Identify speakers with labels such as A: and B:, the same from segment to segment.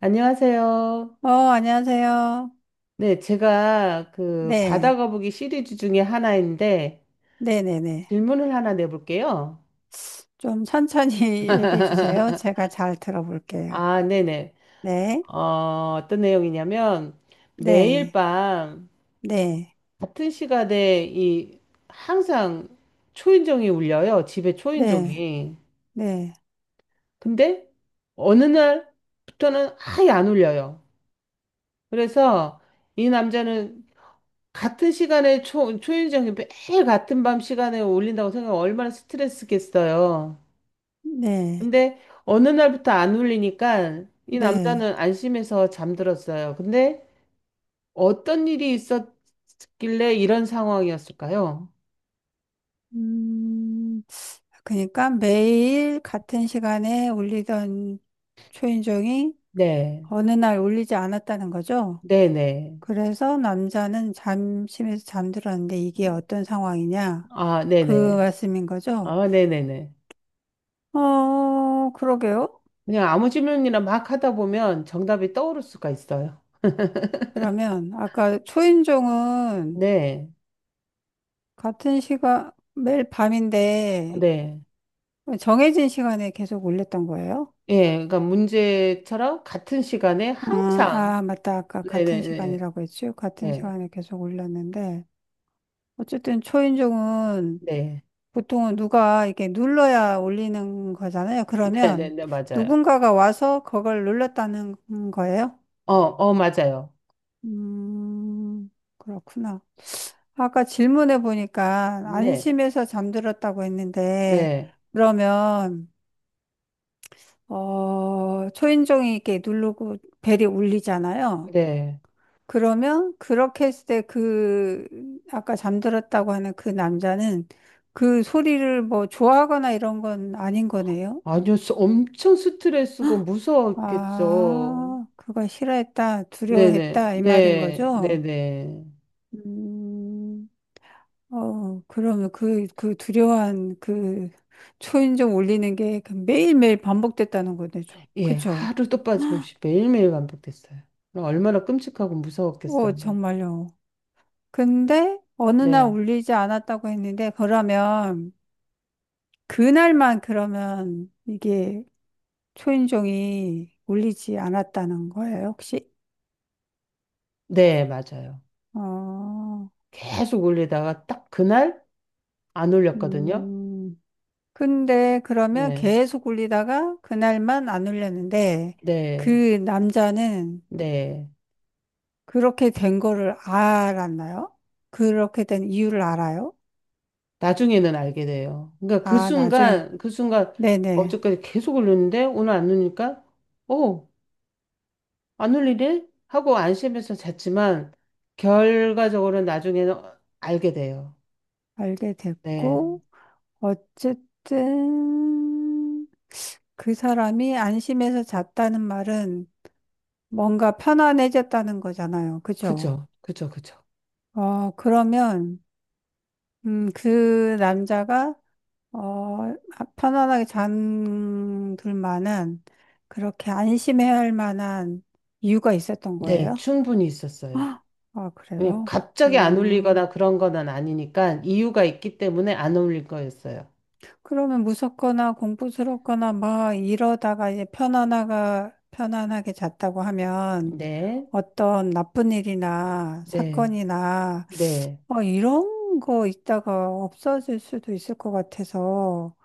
A: 안녕하세요.
B: 안녕하세요.
A: 네, 제가 그 바다
B: 네.
A: 거북이 시리즈 중에 하나인데
B: 네네네.
A: 질문을 하나 내볼게요.
B: 좀 천천히 얘기해 주세요. 제가 잘 들어볼게요.
A: 아, 네네.
B: 네.
A: 어, 어떤 내용이냐면 매일
B: 네.
A: 밤
B: 네.
A: 같은 시간에 이 항상 초인종이 울려요. 집에
B: 네.
A: 초인종이.
B: 네.
A: 근데 어느 날부터는 아예 안 울려요. 그래서 이 남자는 같은 시간에 초인종이 매일 같은 밤 시간에 울린다고 생각하면 얼마나 스트레스겠어요.
B: 네.
A: 근데 어느 날부터 안 울리니까 이
B: 네.
A: 남자는 안심해서 잠들었어요. 근데 어떤 일이 있었길래 이런 상황이었을까요?
B: 음, 그러니까 매일 같은 시간에 울리던 초인종이
A: 네,
B: 어느 날 울리지 않았다는 거죠.
A: 네네.
B: 그래서 남자는 잠심에서 잠들었는데 이게 어떤 상황이냐?
A: 아,
B: 그
A: 네네.
B: 말씀인 거죠.
A: 아, 네네네.
B: 그러게요.
A: 그냥 아무 질문이나 막 하다 보면 정답이 떠오를 수가 있어요.
B: 그러면 아까 초인종은
A: 네,
B: 같은 시간 매일 밤인데
A: 네.
B: 정해진 시간에 계속 올렸던 거예요?
A: 예, 그러니까 문제처럼 같은 시간에
B: 아,
A: 항상
B: 아, 맞다. 아까 같은
A: 네네네.
B: 시간이라고 했죠? 같은
A: 네,
B: 시간에 계속 올렸는데 어쨌든 초인종은
A: 네,
B: 보통은 누가 이렇게 눌러야 올리는 거잖아요.
A: 네, 네,
B: 그러면
A: 네, 맞아요.
B: 누군가가 와서 그걸 눌렀다는 거예요?
A: 어, 어, 맞아요.
B: 음. 그렇구나. 아까 질문해 보니까
A: 네,
B: 안심해서 잠들었다고 했는데,
A: 네,
B: 그러면, 초인종이 이렇게 누르고 벨이 울리잖아요.
A: 네.
B: 그러면 그렇게 했을 때 그, 아까 잠들었다고 하는 그 남자는 그 소리를 뭐 좋아하거나 이런 건 아닌 거네요.
A: 아주 엄청 스트레스고 무서웠겠죠.
B: 아, 그걸 싫어했다,
A: 네, 네,
B: 두려워했다, 이 말인
A: 네, 네,
B: 거죠?
A: 네.
B: 음. 그러면 그, 그 두려운 그 초인종 올리는 게그 매일매일 반복됐다는 거죠.
A: 예,
B: 그쵸?
A: 하루도 빠짐없이 매일매일 반복됐어요. 얼마나 끔찍하고
B: 어,
A: 무서웠겠어요.
B: 정말요. 근데 어느 날
A: 네,
B: 올리지 않았다고 했는데, 그러면 그날만 그러면 이게 초인종이 올리지 않았다는 거예요, 혹시?
A: 네, 맞아요.
B: 어,
A: 계속 올리다가 딱 그날 안 올렸거든요.
B: 음. 근데 그러면
A: 네,
B: 계속 올리다가 그날만 안 올렸는데,
A: 네,
B: 그 남자는
A: 네.
B: 그렇게 된 거를 알았나요? 그렇게 된 이유를 알아요?
A: 나중에는 알게 돼요. 그러니까 그
B: 아, 나중에.
A: 순간, 그 순간
B: 네네.
A: 어저까지 계속 울렸는데 오늘 안리니까 오 안 울리네? 하고 안심해서 잤지만 결과적으로는 나중에는 알게 돼요.
B: 알게
A: 네.
B: 됐고, 어쨌든 그 사람이 안심해서 잤다는 말은 뭔가 편안해졌다는 거잖아요. 그죠?
A: 그죠. 그죠. 그죠.
B: 그러면, 그 남자가, 어, 편안하게 잠들 만한, 그렇게 안심해야 할 만한 이유가 있었던
A: 네,
B: 거예요?
A: 충분히 있었어요.
B: 아, 아,
A: 그냥
B: 그래요?
A: 갑자기 안
B: 음,
A: 울리거나 그런 건 아니니까 이유가 있기 때문에 안 울릴 거였어요.
B: 그러면 무섭거나 공포스럽거나 막 이러다가 이제 편안하가, 편안하게 잤다고 하면
A: 네.
B: 어떤 나쁜 일이나
A: 네.
B: 사건이나
A: 네.
B: 뭐 이런 거 있다가 없어질 수도 있을 것 같아서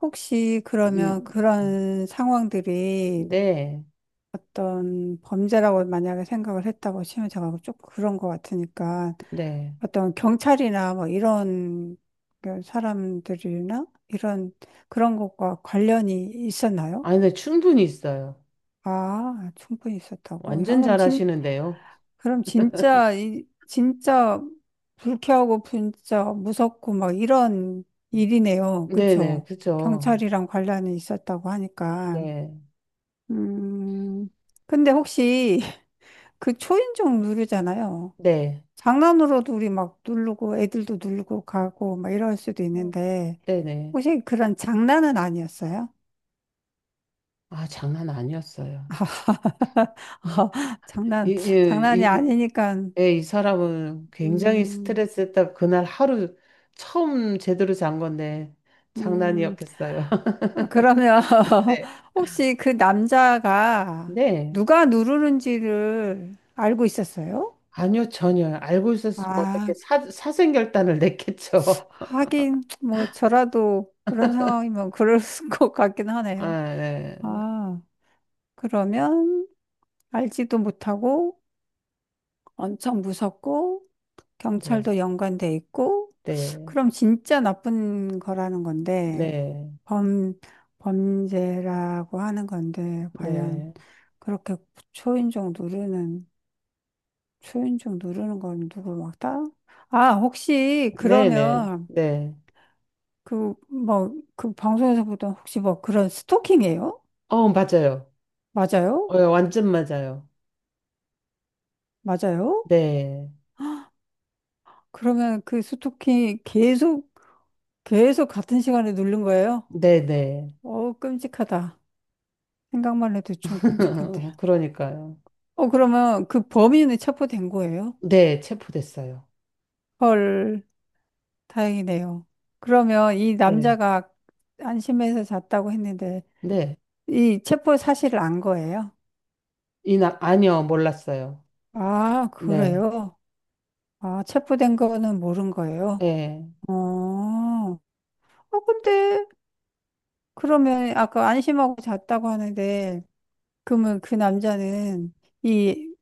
B: 혹시 그러면
A: 음, 음,
B: 그런 상황들이
A: 네.
B: 어떤 범죄라고 만약에 생각을 했다고 치면 제가 좀 그런 것 같으니까
A: 네.
B: 어떤 경찰이나 뭐 이런 그 사람들이나 이런 그런 것과 관련이 있었나요?
A: 아니, 근데 충분히 있어요.
B: 아, 충분히 있었다고. 야,
A: 완전
B: 그럼 진,
A: 잘하시는데요.
B: 그럼 진짜, 이, 진짜 불쾌하고 진짜 무섭고 막 이런 일이네요.
A: 네네,
B: 그쵸?
A: 그죠.
B: 경찰이랑 관련이 있었다고 하니까.
A: 네,
B: 음. 근데 혹시 그 초인종 누르잖아요.
A: 네,
B: 장난으로도 우리 막 누르고 애들도 누르고 가고 막 이럴 수도
A: 어,
B: 있는데
A: 네네.
B: 혹시 그런 장난은 아니었어요?
A: 아, 장난 아니었어요. 이,
B: 장난 장난이
A: 이, 이,
B: 아니니까
A: 예, 이 사람은 굉장히
B: 음,
A: 스트레스 했다. 그날 하루 처음 제대로 잔 건데
B: 음
A: 장난이었겠어요.
B: 아, 그러면
A: 네,
B: 혹시 그 남자가
A: 네.
B: 누가 누르는지를 알고 있었어요?
A: 아니요, 전혀. 알고 있었으면 어떻게
B: 아,
A: 사생결단을 냈겠죠.
B: 하긴 뭐 저라도 그런 상황이면 그럴 것 같긴 하네요.
A: 아, 네,
B: 아, 그러면 알지도 못하고 엄청 무섭고
A: 네,
B: 경찰도 연관돼 있고
A: 네,
B: 그럼 진짜 나쁜 거라는 건데
A: 네,
B: 범 범죄라고 하는 건데 과연
A: 네,
B: 그렇게 초인종 누르는 초인종 누르는 건 누구 막다? 아 혹시
A: 네, 네.
B: 그러면
A: 네.
B: 그 뭐 그 방송에서 보던 혹시 뭐 그런 스토킹이에요?
A: 어, 맞아요. 어,
B: 맞아요?
A: 예, 완전 맞아요.
B: 맞아요?
A: 네.
B: 그러면 그 스토킹 계속 같은 시간에 누른 거예요?
A: 네네.
B: 어, 끔찍하다. 생각만 해도 좀 끔찍한데.
A: 그러니까요.
B: 어, 그러면 그 범인은 체포된 거예요?
A: 네, 체포됐어요.
B: 헐, 다행이네요. 그러면 이
A: 네.
B: 남자가 안심해서 잤다고 했는데,
A: 네.
B: 이 체포 사실을 안 거예요?
A: 아니요, 몰랐어요.
B: 아,
A: 네.
B: 그래요? 아, 체포된 거는 모른 거예요?
A: 예.
B: 어, 어, 근데, 그러면 아까 안심하고 잤다고 하는데, 그러면 그 남자는 이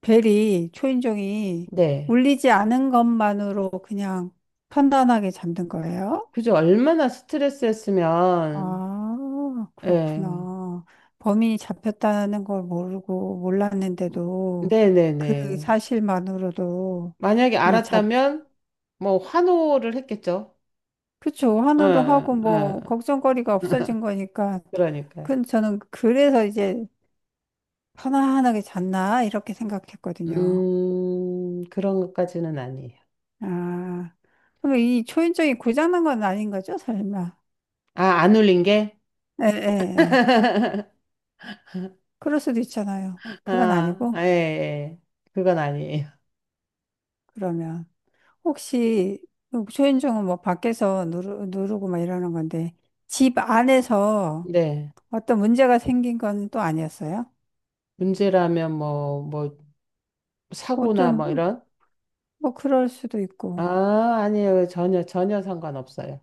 B: 벨이, 초인종이
A: 네.
B: 울리지 않은 것만으로 그냥 편안하게 잠든 거예요?
A: 그죠. 얼마나 스트레스였으면,
B: 아,
A: 예.
B: 그렇구나. 범인이 잡혔다는 걸 모르고 몰랐는데도 그
A: 네네네.
B: 사실만으로도
A: 만약에
B: 이 자,
A: 알았다면, 뭐, 환호를 했겠죠.
B: 그쵸. 환호도
A: 예,
B: 하고
A: 예. 예.
B: 뭐 걱정거리가 없어진 거니까.
A: 그러니까요.
B: 그 저는 그래서 이제 편안하게 잤나 이렇게 생각했거든요.
A: 그런 것까지는 아니에요.
B: 아, 그럼 이 초인종이 고장난 건 아닌 거죠, 설마?
A: 아, 안 울린 게?
B: 예, 예, 예. 그럴 수도 있잖아요. 그건
A: 아,
B: 아니고,
A: 아, 예, 예. 그건 아니에요.
B: 그러면. 혹시, 뭐 초인종은 뭐 밖에서 누르, 누르고 막 이러는 건데, 집 안에서
A: 네.
B: 어떤 문제가 생긴 건 또 아니었어요?
A: 문제라면 뭐, 사고나
B: 어떤,
A: 뭐 이런?
B: 뭐 그럴 수도 있고,
A: 아, 아니에요. 전혀, 전혀 상관없어요.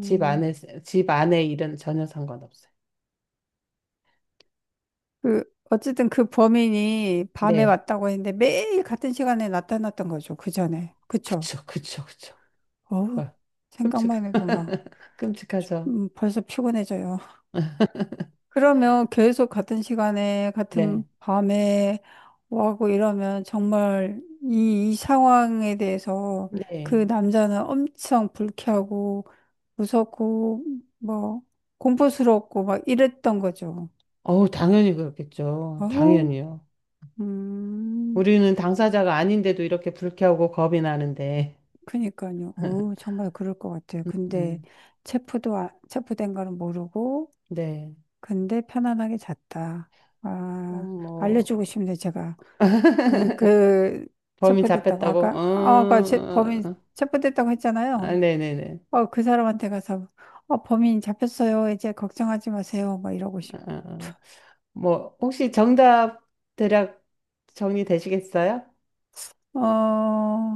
A: 집 안에, 집 안에 일은 전혀 상관없어요.
B: 그, 어쨌든 그 범인이 밤에
A: 네.
B: 왔다고 했는데 매일 같은 시간에 나타났던 거죠. 그 전에. 그쵸?
A: 그쵸, 그쵸, 그쵸.
B: 어우,
A: 와, 끔찍,
B: 생각만 해도 막,
A: 끔찍하죠.
B: 벌써 피곤해져요. 그러면 계속 같은 시간에, 같은
A: 네.
B: 밤에 와고 이러면 정말 이, 이 상황에 대해서 그
A: 네.
B: 남자는 엄청 불쾌하고 무섭고 뭐 공포스럽고 막 이랬던 거죠.
A: 어우, 당연히 그렇겠죠.
B: 어우,
A: 당연히요.
B: 음,
A: 우리는 당사자가 아닌데도 이렇게 불쾌하고 겁이 나는데.
B: 그니까요. 어우, 정말 그럴 것 같아요. 근데
A: 음,
B: 체포도, 아- 체포된 거는 모르고,
A: 네.
B: 근데 편안하게 잤다. 아,
A: 뭐,
B: 알려주고 싶네, 제가. 그, 그,
A: 범인
B: 체포됐다고,
A: 잡혔다고? 어,
B: 아까, 아, 아까 제, 범인
A: 어, 어.
B: 체포됐다고
A: 아,
B: 했잖아요.
A: 네네네.
B: 어, 그 사람한테 가서, 어, 범인 잡혔어요. 이제 걱정하지 마세요. 막 이러고
A: 아,
B: 싶.
A: 아, 아. 뭐, 혹시 정답 대략 정리되시겠어요?
B: 어,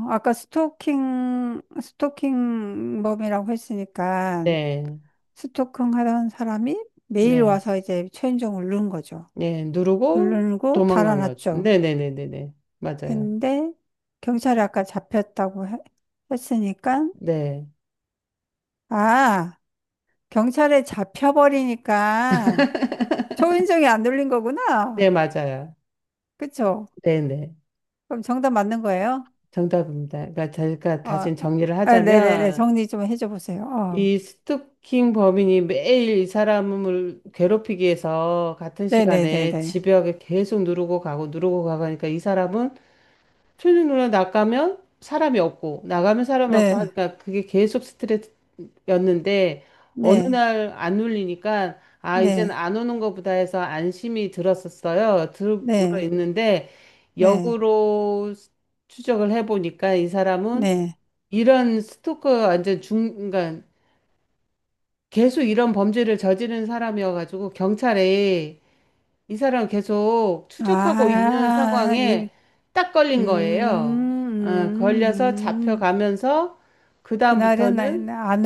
B: 아까 스토킹범이라고 했으니까,
A: 네,
B: 스토킹 하던 사람이 매일
A: 네,
B: 와서 이제 최은정을 누른 거죠.
A: 네. 누르고
B: 누르고
A: 도망간 것.
B: 달아났죠.
A: 네네네네네. 맞아요.
B: 근데, 경찰이 아까 잡혔다고 해- 했으니까,
A: 네,
B: 아, 경찰에 잡혀버리니까, 초인종이 안 눌린
A: 네,
B: 거구나.
A: 맞아요.
B: 그쵸?
A: 네네.
B: 그럼 정답 맞는 거예요?
A: 정답입니다. 그러니까 제가
B: 어,
A: 다시 정리를
B: 아, 네네네.
A: 하자면,
B: 정리 좀 해줘 보세요. 어,
A: 이 스토킹 범인이 매일 이 사람을 괴롭히기 위해서 같은 시간에
B: 네네네네.
A: 집벽에 계속 누르고 가고 누르고 가고 하니까 이 사람은 틀린 누나 나가면 사람이 없고 나가면 사람 많고
B: 네,
A: 하니까 그게 계속 스트레스였는데 어느
B: 네,
A: 날 안 울리니까 아 이젠
B: 네,
A: 안 오는 거보다 해서 안심이 들었었어요. 들고
B: 네,
A: 있는데
B: 네,
A: 역으로 추적을 해보니까 이 사람은
B: 네.
A: 이런 스토커 완전 중 그러니까 계속 이런 범죄를 저지른 사람이어가지고 경찰에 이 사람 계속 추적하고 있는
B: 아, 이,
A: 상황에 딱
B: 음,
A: 걸린 거예요. 걸려서
B: 음, 음.
A: 잡혀가면서
B: 그날은 안,
A: 그다음부터는
B: 안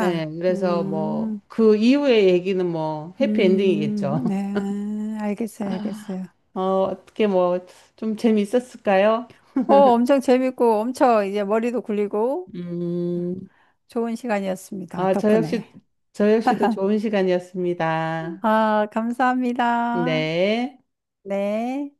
A: 예, 그래서 뭐 그 이후의 얘기는 뭐 해피엔딩이겠죠.
B: 네. 알겠어요, 알겠어요.
A: 어떻게 뭐 좀 재미있었을까요?
B: 어, 엄청 재밌고, 엄청 이제 머리도 굴리고,
A: 음,
B: 좋은 시간이었습니다.
A: 아, 저 역시
B: 덕분에.
A: 저 역시도 좋은 시간이었습니다.
B: 아, 감사합니다.
A: 네.
B: 네.